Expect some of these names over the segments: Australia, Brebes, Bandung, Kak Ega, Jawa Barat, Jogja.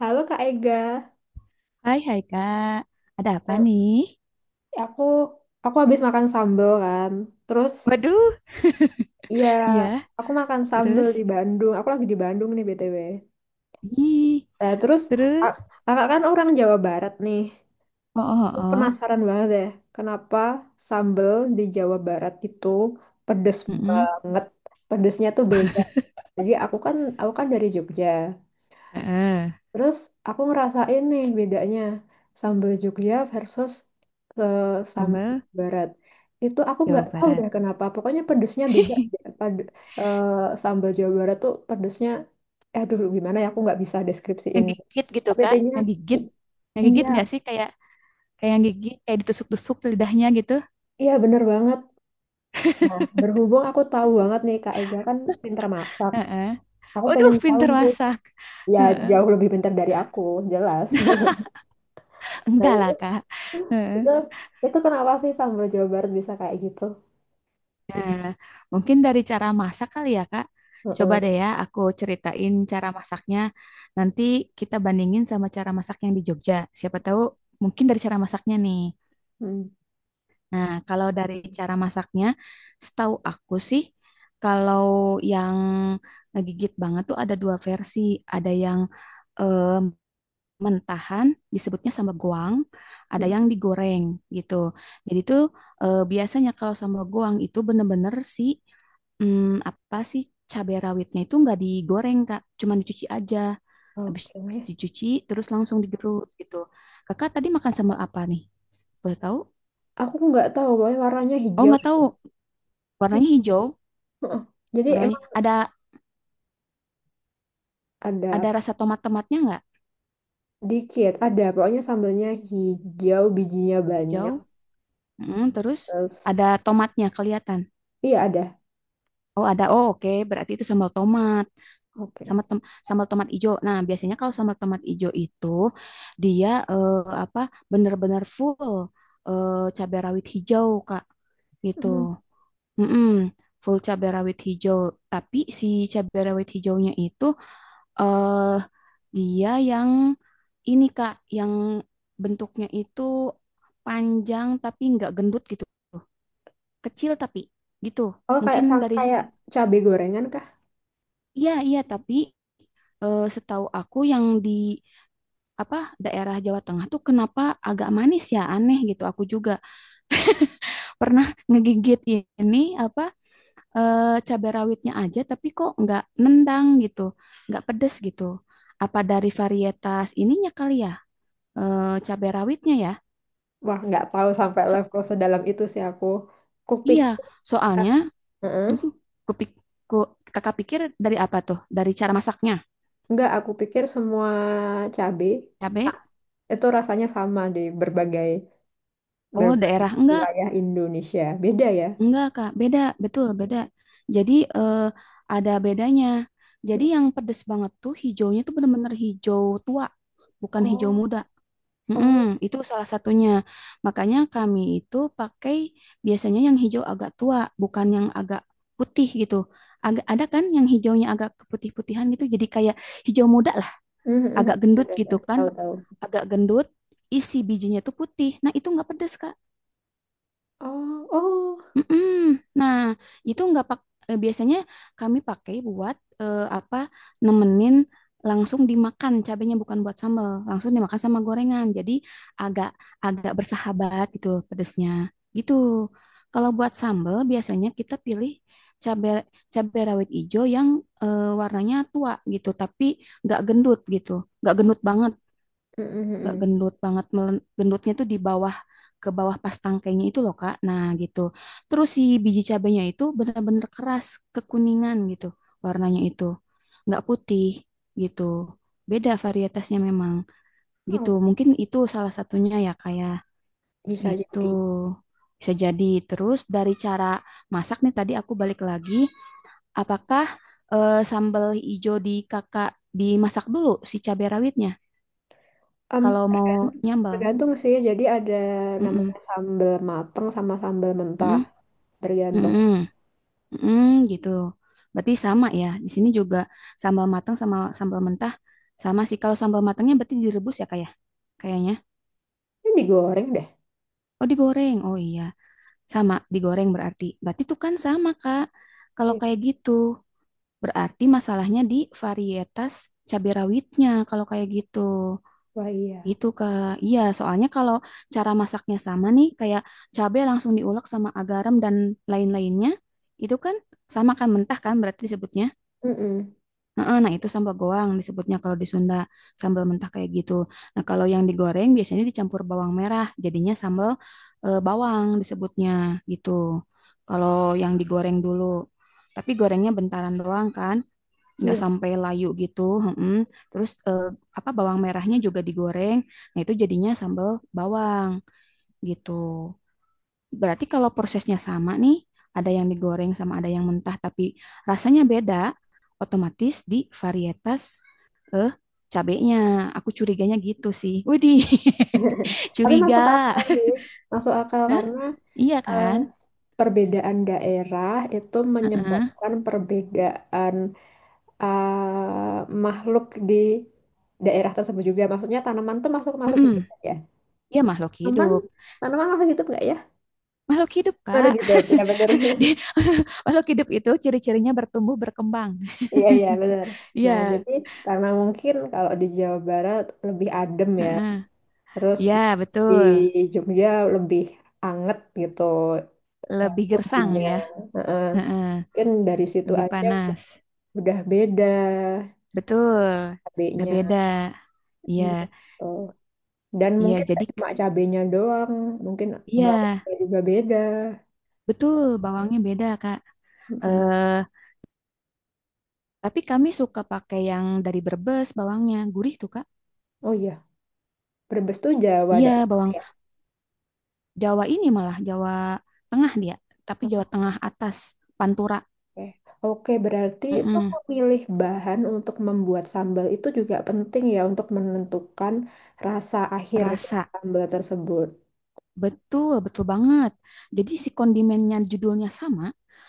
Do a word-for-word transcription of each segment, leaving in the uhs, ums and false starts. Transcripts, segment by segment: Halo Kak Ega. Hai, hai Kak. Ada apa Hmm. nih? aku aku habis makan sambal kan. Terus Waduh, iya, ya, aku makan sambal di terus? Bandung. Aku lagi di Bandung nih B T W. Ih, Nah, terus terus? a- Kakak kan orang Jawa Barat nih. Oh, oh, Aku oh. Penasaran banget deh, kenapa sambal di Jawa Barat itu pedes Mm-mm. banget. Pedesnya tuh beda. Jadi aku kan aku kan dari Jogja. Heeh. Terus aku ngerasain nih bedanya sambal Jogja versus eh, sambal Sambal Jawa Barat. Itu aku Jawa nggak tahu Barat. deh kenapa. Pokoknya pedesnya beda. aja. Pad- eh, sambal Jawa Barat tuh pedesnya, eh, aduh gimana ya aku nggak bisa deskripsiin. Ngegigit gitu, Tapi Kak. intinya Ngegigit. i- Ngegigit iya, nggak sih? Kayak kayak gigit, kayak ditusuk-tusuk lidahnya gitu. iya bener banget. Nah, berhubung aku tahu banget nih Kak Ega kan pinter masak. Heeh. Aku Waduh, pengen tahu pinter sih, masak. ya Heeh. jauh lebih pinter dari aku, jelas. Nah Enggak lah, itu, Kak. itu, Heeh. itu kenapa sih sambal Jawa Barat bisa kayak gitu? Nah, mungkin dari cara masak kali ya, Kak. Coba Heeh, deh ya, aku ceritain cara masaknya. Nanti kita bandingin sama cara masak yang di Jogja. Siapa tahu mungkin dari cara masaknya nih. mm, Nah, kalau dari cara masaknya, setahu aku sih, kalau yang ngegigit banget tuh ada dua versi. Ada yang eh, mentahan, disebutnya sambal goang. Ada mm. yang digoreng gitu. Jadi tuh eh, biasanya kalau sambal goang itu bener-bener si Hmm, apa sih cabai rawitnya itu nggak digoreng Kak, cuman dicuci aja. Habis Oke. dicuci terus langsung digerus gitu. Kakak tadi makan sambal apa nih? Boleh tahu? Aku nggak tahu pokoknya warnanya Oh hijau. nggak tahu. aja. Warnanya hijau. Heeh. Jadi Warnanya emang ada ada ada apa? rasa tomat-tomatnya nggak? Dikit, ada pokoknya sambelnya hijau, bijinya Hijau. banyak. Mm, terus Terus ada tomatnya kelihatan. iya ada. Oh ada. Oh oke. Berarti itu sambal tomat. Oke. sambal tem- sambal tomat ijo. Nah, biasanya kalau sambal tomat ijo itu dia eh, apa benar-benar full eh, cabai rawit hijau, Kak. Gitu. Mm. Mm-mm, full cabai rawit hijau, tapi si cabai rawit hijaunya itu eh dia yang ini, Kak, yang bentuknya itu panjang tapi nggak gendut gitu. Kecil tapi gitu. Oh kayak Mungkin sam- dari kayak cabe gorengan kah? Iya, iya, tapi eh, setahu aku yang di apa daerah Jawa Tengah tuh kenapa agak manis ya aneh gitu aku juga pernah ngegigit ini apa eh, cabai rawitnya aja tapi kok nggak nendang gitu nggak pedes gitu apa dari varietas ininya kali ya eh, cabai rawitnya ya Wah nggak tahu sampai so, level sedalam itu sih aku. Kupik. iya soalnya uh, Heeh. kupik- ku- kakak pikir dari apa tuh dari cara masaknya Nggak, aku pikir semua cabe cabai ah, itu rasanya sama di berbagai oh berbagai daerah enggak wilayah Indonesia. Beda ya? Enggak, Kak. Beda, betul, beda. Jadi eh, ada bedanya. Jadi yang pedes banget tuh hijaunya tuh bener-bener hijau tua, bukan hijau Oh. muda. Oh, Mm-mm, itu salah satunya. Makanya kami itu pakai biasanya yang hijau agak tua, bukan yang agak putih gitu. Agak ada kan yang hijaunya agak keputih-putihan gitu. Jadi kayak hijau muda lah, mhm, mhm. agak gendut Ada, ada. gitu kan. Tahu-tahu. Agak gendut, isi bijinya tuh putih. Nah, itu nggak pedes, Kak. Oh, oh, Mm-mm. Nah, itu nggak pak eh, biasanya kami pakai buat eh, apa nemenin langsung dimakan cabenya bukan buat sambal, langsung dimakan sama gorengan. Jadi agak agak bersahabat gitu pedesnya. Gitu. Kalau buat sambal biasanya kita pilih cabe cabe rawit ijo yang eh, warnanya tua gitu, tapi nggak gendut gitu, nggak gendut banget mm, nggak mm, gendut banget melen- gendutnya tuh di bawah ke bawah pas tangkainya itu loh Kak nah gitu terus si biji cabenya itu benar-benar keras kekuningan gitu warnanya itu nggak putih gitu beda varietasnya memang mm, gitu oh. mungkin itu salah satunya ya kayak Bisa gitu jadi. bisa jadi terus dari cara masak nih tadi aku balik lagi apakah eh, sambal hijau di kakak dimasak dulu si cabai rawitnya Em, kalau mau tergan- nyambal Tergantung sih. Jadi ada namanya mm sambal mateng sama sambal mentah. Tergantung. Mm-mm, mm-mm, gitu. Berarti sama ya. Di sini juga sambal matang sama sambal mentah sama sih. Kalau sambal matangnya berarti direbus ya kayak kayaknya. Ini digoreng deh. Oh digoreng. Oh iya, sama digoreng berarti. Berarti tuh kan sama Kak. Kalau Iya. kayak gitu berarti masalahnya di varietas cabai rawitnya kalau kayak gitu. Wah, iya. Gitu Kak. Iya, soalnya kalau cara masaknya sama nih kayak cabai langsung diulek sama garam dan lain-lainnya, itu kan sama kan mentah kan berarti disebutnya. Mm-mm. Heeh, nah, itu sambal goang disebutnya kalau di Sunda, sambal mentah kayak gitu. Nah, kalau yang digoreng biasanya dicampur bawang merah, jadinya sambal eh, bawang disebutnya gitu. Kalau yang digoreng dulu, tapi gorengnya bentaran doang kan, nggak Iya. sampai layu gitu. Heeh. Terus eh, apa bawang merahnya juga digoreng, nah itu jadinya sambal bawang gitu. Berarti kalau prosesnya sama nih, ada yang digoreng sama ada yang mentah, tapi rasanya beda, otomatis di varietas eh cabenya. Aku curiganya gitu sih. Widih, Tapi masuk curiga. akal sih. Masuk akal Hah? karena Iya eh, kan? perbedaan daerah itu Heeh. menyebabkan perbedaan eh, makhluk di daerah tersebut juga. Maksudnya tanaman tuh masuk ke makhluk hidup Mm-mm. nggak ya? Iya makhluk Tanaman hidup. tanaman masuk hidup nggak ya? Makhluk hidup, Makhluk Kak. hidup, ya bener. Di- Makhluk hidup itu ciri-cirinya bertumbuh, berkembang. Iya iya bener. Nah Iya. jadi karena mungkin kalau di Jawa Barat lebih adem ya, Heeh. terus Iya, di betul. Jogja lebih anget gitu eh, Lebih gersang suhunya. ya. Heeh. Heeh. Mungkin dari situ Lebih aja udah panas. udah beda Betul, udah cabenya. beda. Iya, Iya, gitu. Dan iya mungkin jadi nggak cuma cabenya doang, mungkin iya, bawangnya juga beda. betul bawangnya beda, Kak. Mm-mm. Eh, tapi kami suka pakai yang dari Brebes bawangnya, gurih tuh, Kak. Oh iya, Brebes tuh Jawa Iya, daerah bawang ya. Jawa ini malah Jawa Tengah dia, tapi Jawa Tengah atas, Pantura. Oke, oke, berarti itu Mm-mm, memilih bahan untuk membuat sambal itu juga penting ya untuk menentukan rasa akhir dari rasa. sambal tersebut. Betul, betul banget. Jadi si kondimennya judulnya sama.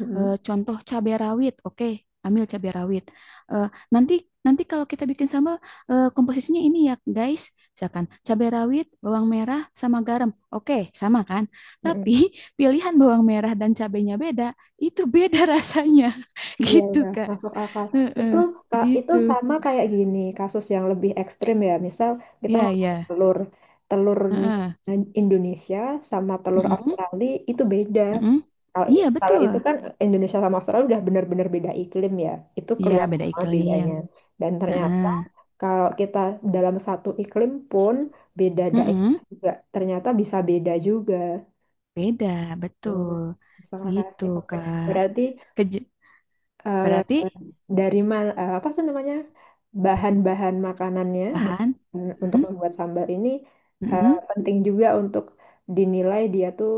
Mm-mm. Eh, contoh cabai rawit, oke, ambil cabai rawit. Eh, nanti nanti kalau kita bikin sambal eh, komposisinya ini ya, guys. Misalkan cabai rawit, bawang merah sama garam. Oke, sama kan? Tapi Mm-mm. pilihan bawang merah dan cabainya beda, itu beda rasanya. Iya, Gitu, ya Kak. masuk akal. Heeh, Itu ka- itu gitu. sama kayak gini, kasus yang lebih ekstrim ya. Misal kita Ya, ngomong ya. telur, telur Heeh. Indonesia sama telur Mm-mm, Australia itu beda. mm-mm. Kalau Iya, kalau betul. itu kan Indonesia sama Australia udah benar-benar beda iklim ya. Itu Iya, beda kelihatan banget iklim. bedanya. Dan Heeh. ternyata kalau kita dalam satu iklim pun beda daerah Mm-mm. juga, ternyata bisa beda juga. Beda, Hmm, betul. masuk akal Gitu, sih. Oke. Kak. Berarti Kej- eh, Berarti dari ma- eh, apa sih namanya bahan-bahan makanannya bahan bahan untuk mm, membuat sambal ini eh, mm, penting juga untuk dinilai dia tuh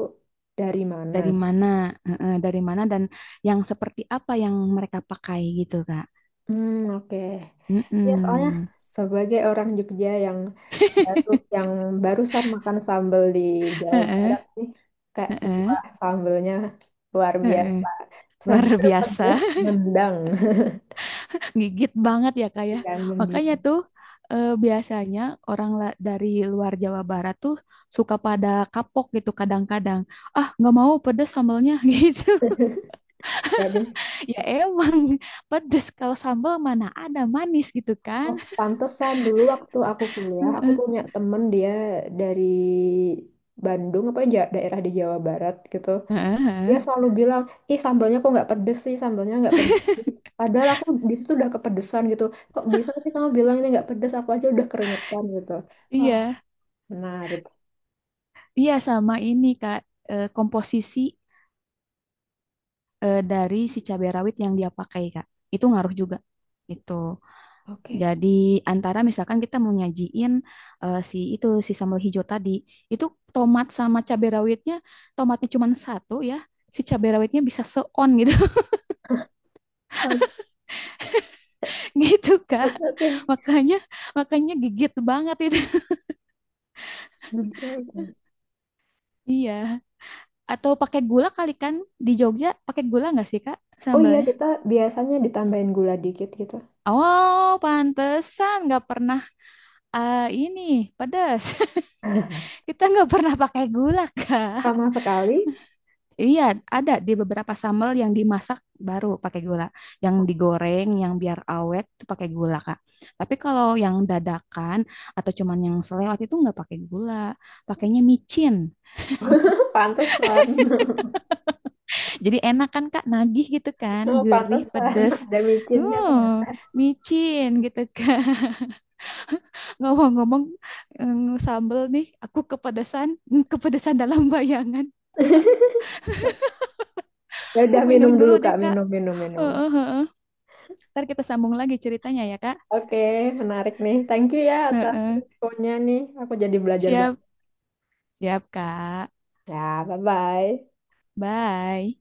dari mana. dari mana, eh, dari mana dan yang seperti apa yang mereka pakai gitu, Kak. Hmm, oke. Ya, soalnya Mm-mm. sebagai orang Jogja yang baru yang barusan makan sambal di Jawa Heeh, Barat nih kayak heeh, buah sambalnya luar heeh. biasa. Luar Seger, biasa, pedas, nendang. gigit banget ya Kak ya. Yang Makanya menggigit. tuh eh, biasanya orang la- dari luar Jawa Barat tuh suka pada kapok gitu kadang-kadang. Ah, nggak mau pedes sambalnya gitu. Ya emang pedes kalau sambal mana ada manis gitu kan. Oh, pantesan dulu waktu aku kuliah, aku Heeh, punya temen dia dari Bandung apa ja- daerah di Jawa Barat gitu. Dia heeh, selalu bilang, ih sambalnya kok nggak pedes sih, sambalnya nggak pedes sih. Padahal aku di situ udah kepedesan gitu. Kok bisa sih kamu bilang ini nggak pedes? Aku aja udah keringetan gitu. Wah, iya, menarik. iya sama ini Kak. Eh, komposisi eh, dari si cabai rawit yang dia pakai Kak, itu ngaruh juga. Itu. Oke. Jadi antara misalkan kita mau nyajiin eh, si itu si sambal hijau tadi, itu tomat sama cabai rawitnya, tomatnya cuma satu ya, si cabai rawitnya bisa seon gitu, Oke, gitu Kak. oke, oke. Makanya, makanya gigit banget itu. Oke, oke. Iya. Atau pakai gula kali kan di Jogja, pakai gula nggak sih Kak Oh iya, sambalnya? kita biasanya ditambahin gula dikit gitu. Oh, pantesan nggak pernah ah, ini pedas. Kita nggak pernah pakai gula, Kak. Sama sekali. Iya, ada di beberapa sambal yang dimasak baru pakai gula. Yang digoreng, yang biar awet itu pakai gula, Kak. Tapi kalau yang dadakan atau cuman yang selewat itu nggak pakai gula. Pakainya micin. Pantesan. Jadi enak kan, Kak? Nagih gitu kan. Gurih, Pantesan. pedes. Ada micinnya Uh, ternyata. micin gitu kan. Ngomong-ngomong eh, sambal nih, aku kepedesan. Kepedesan dalam bayangan. Ya Aku udah minum minum dulu dulu deh, Kak, Kak. minum, minum, minum. Heeh, heeh. Ntar kita sambung lagi ceritanya ya, Kak. Oke, menarik nih. Thank you ya atas Heeh. infonya nih. Aku jadi belajar Siap, banyak. siap, Kak. Ya, bye-bye. Bye.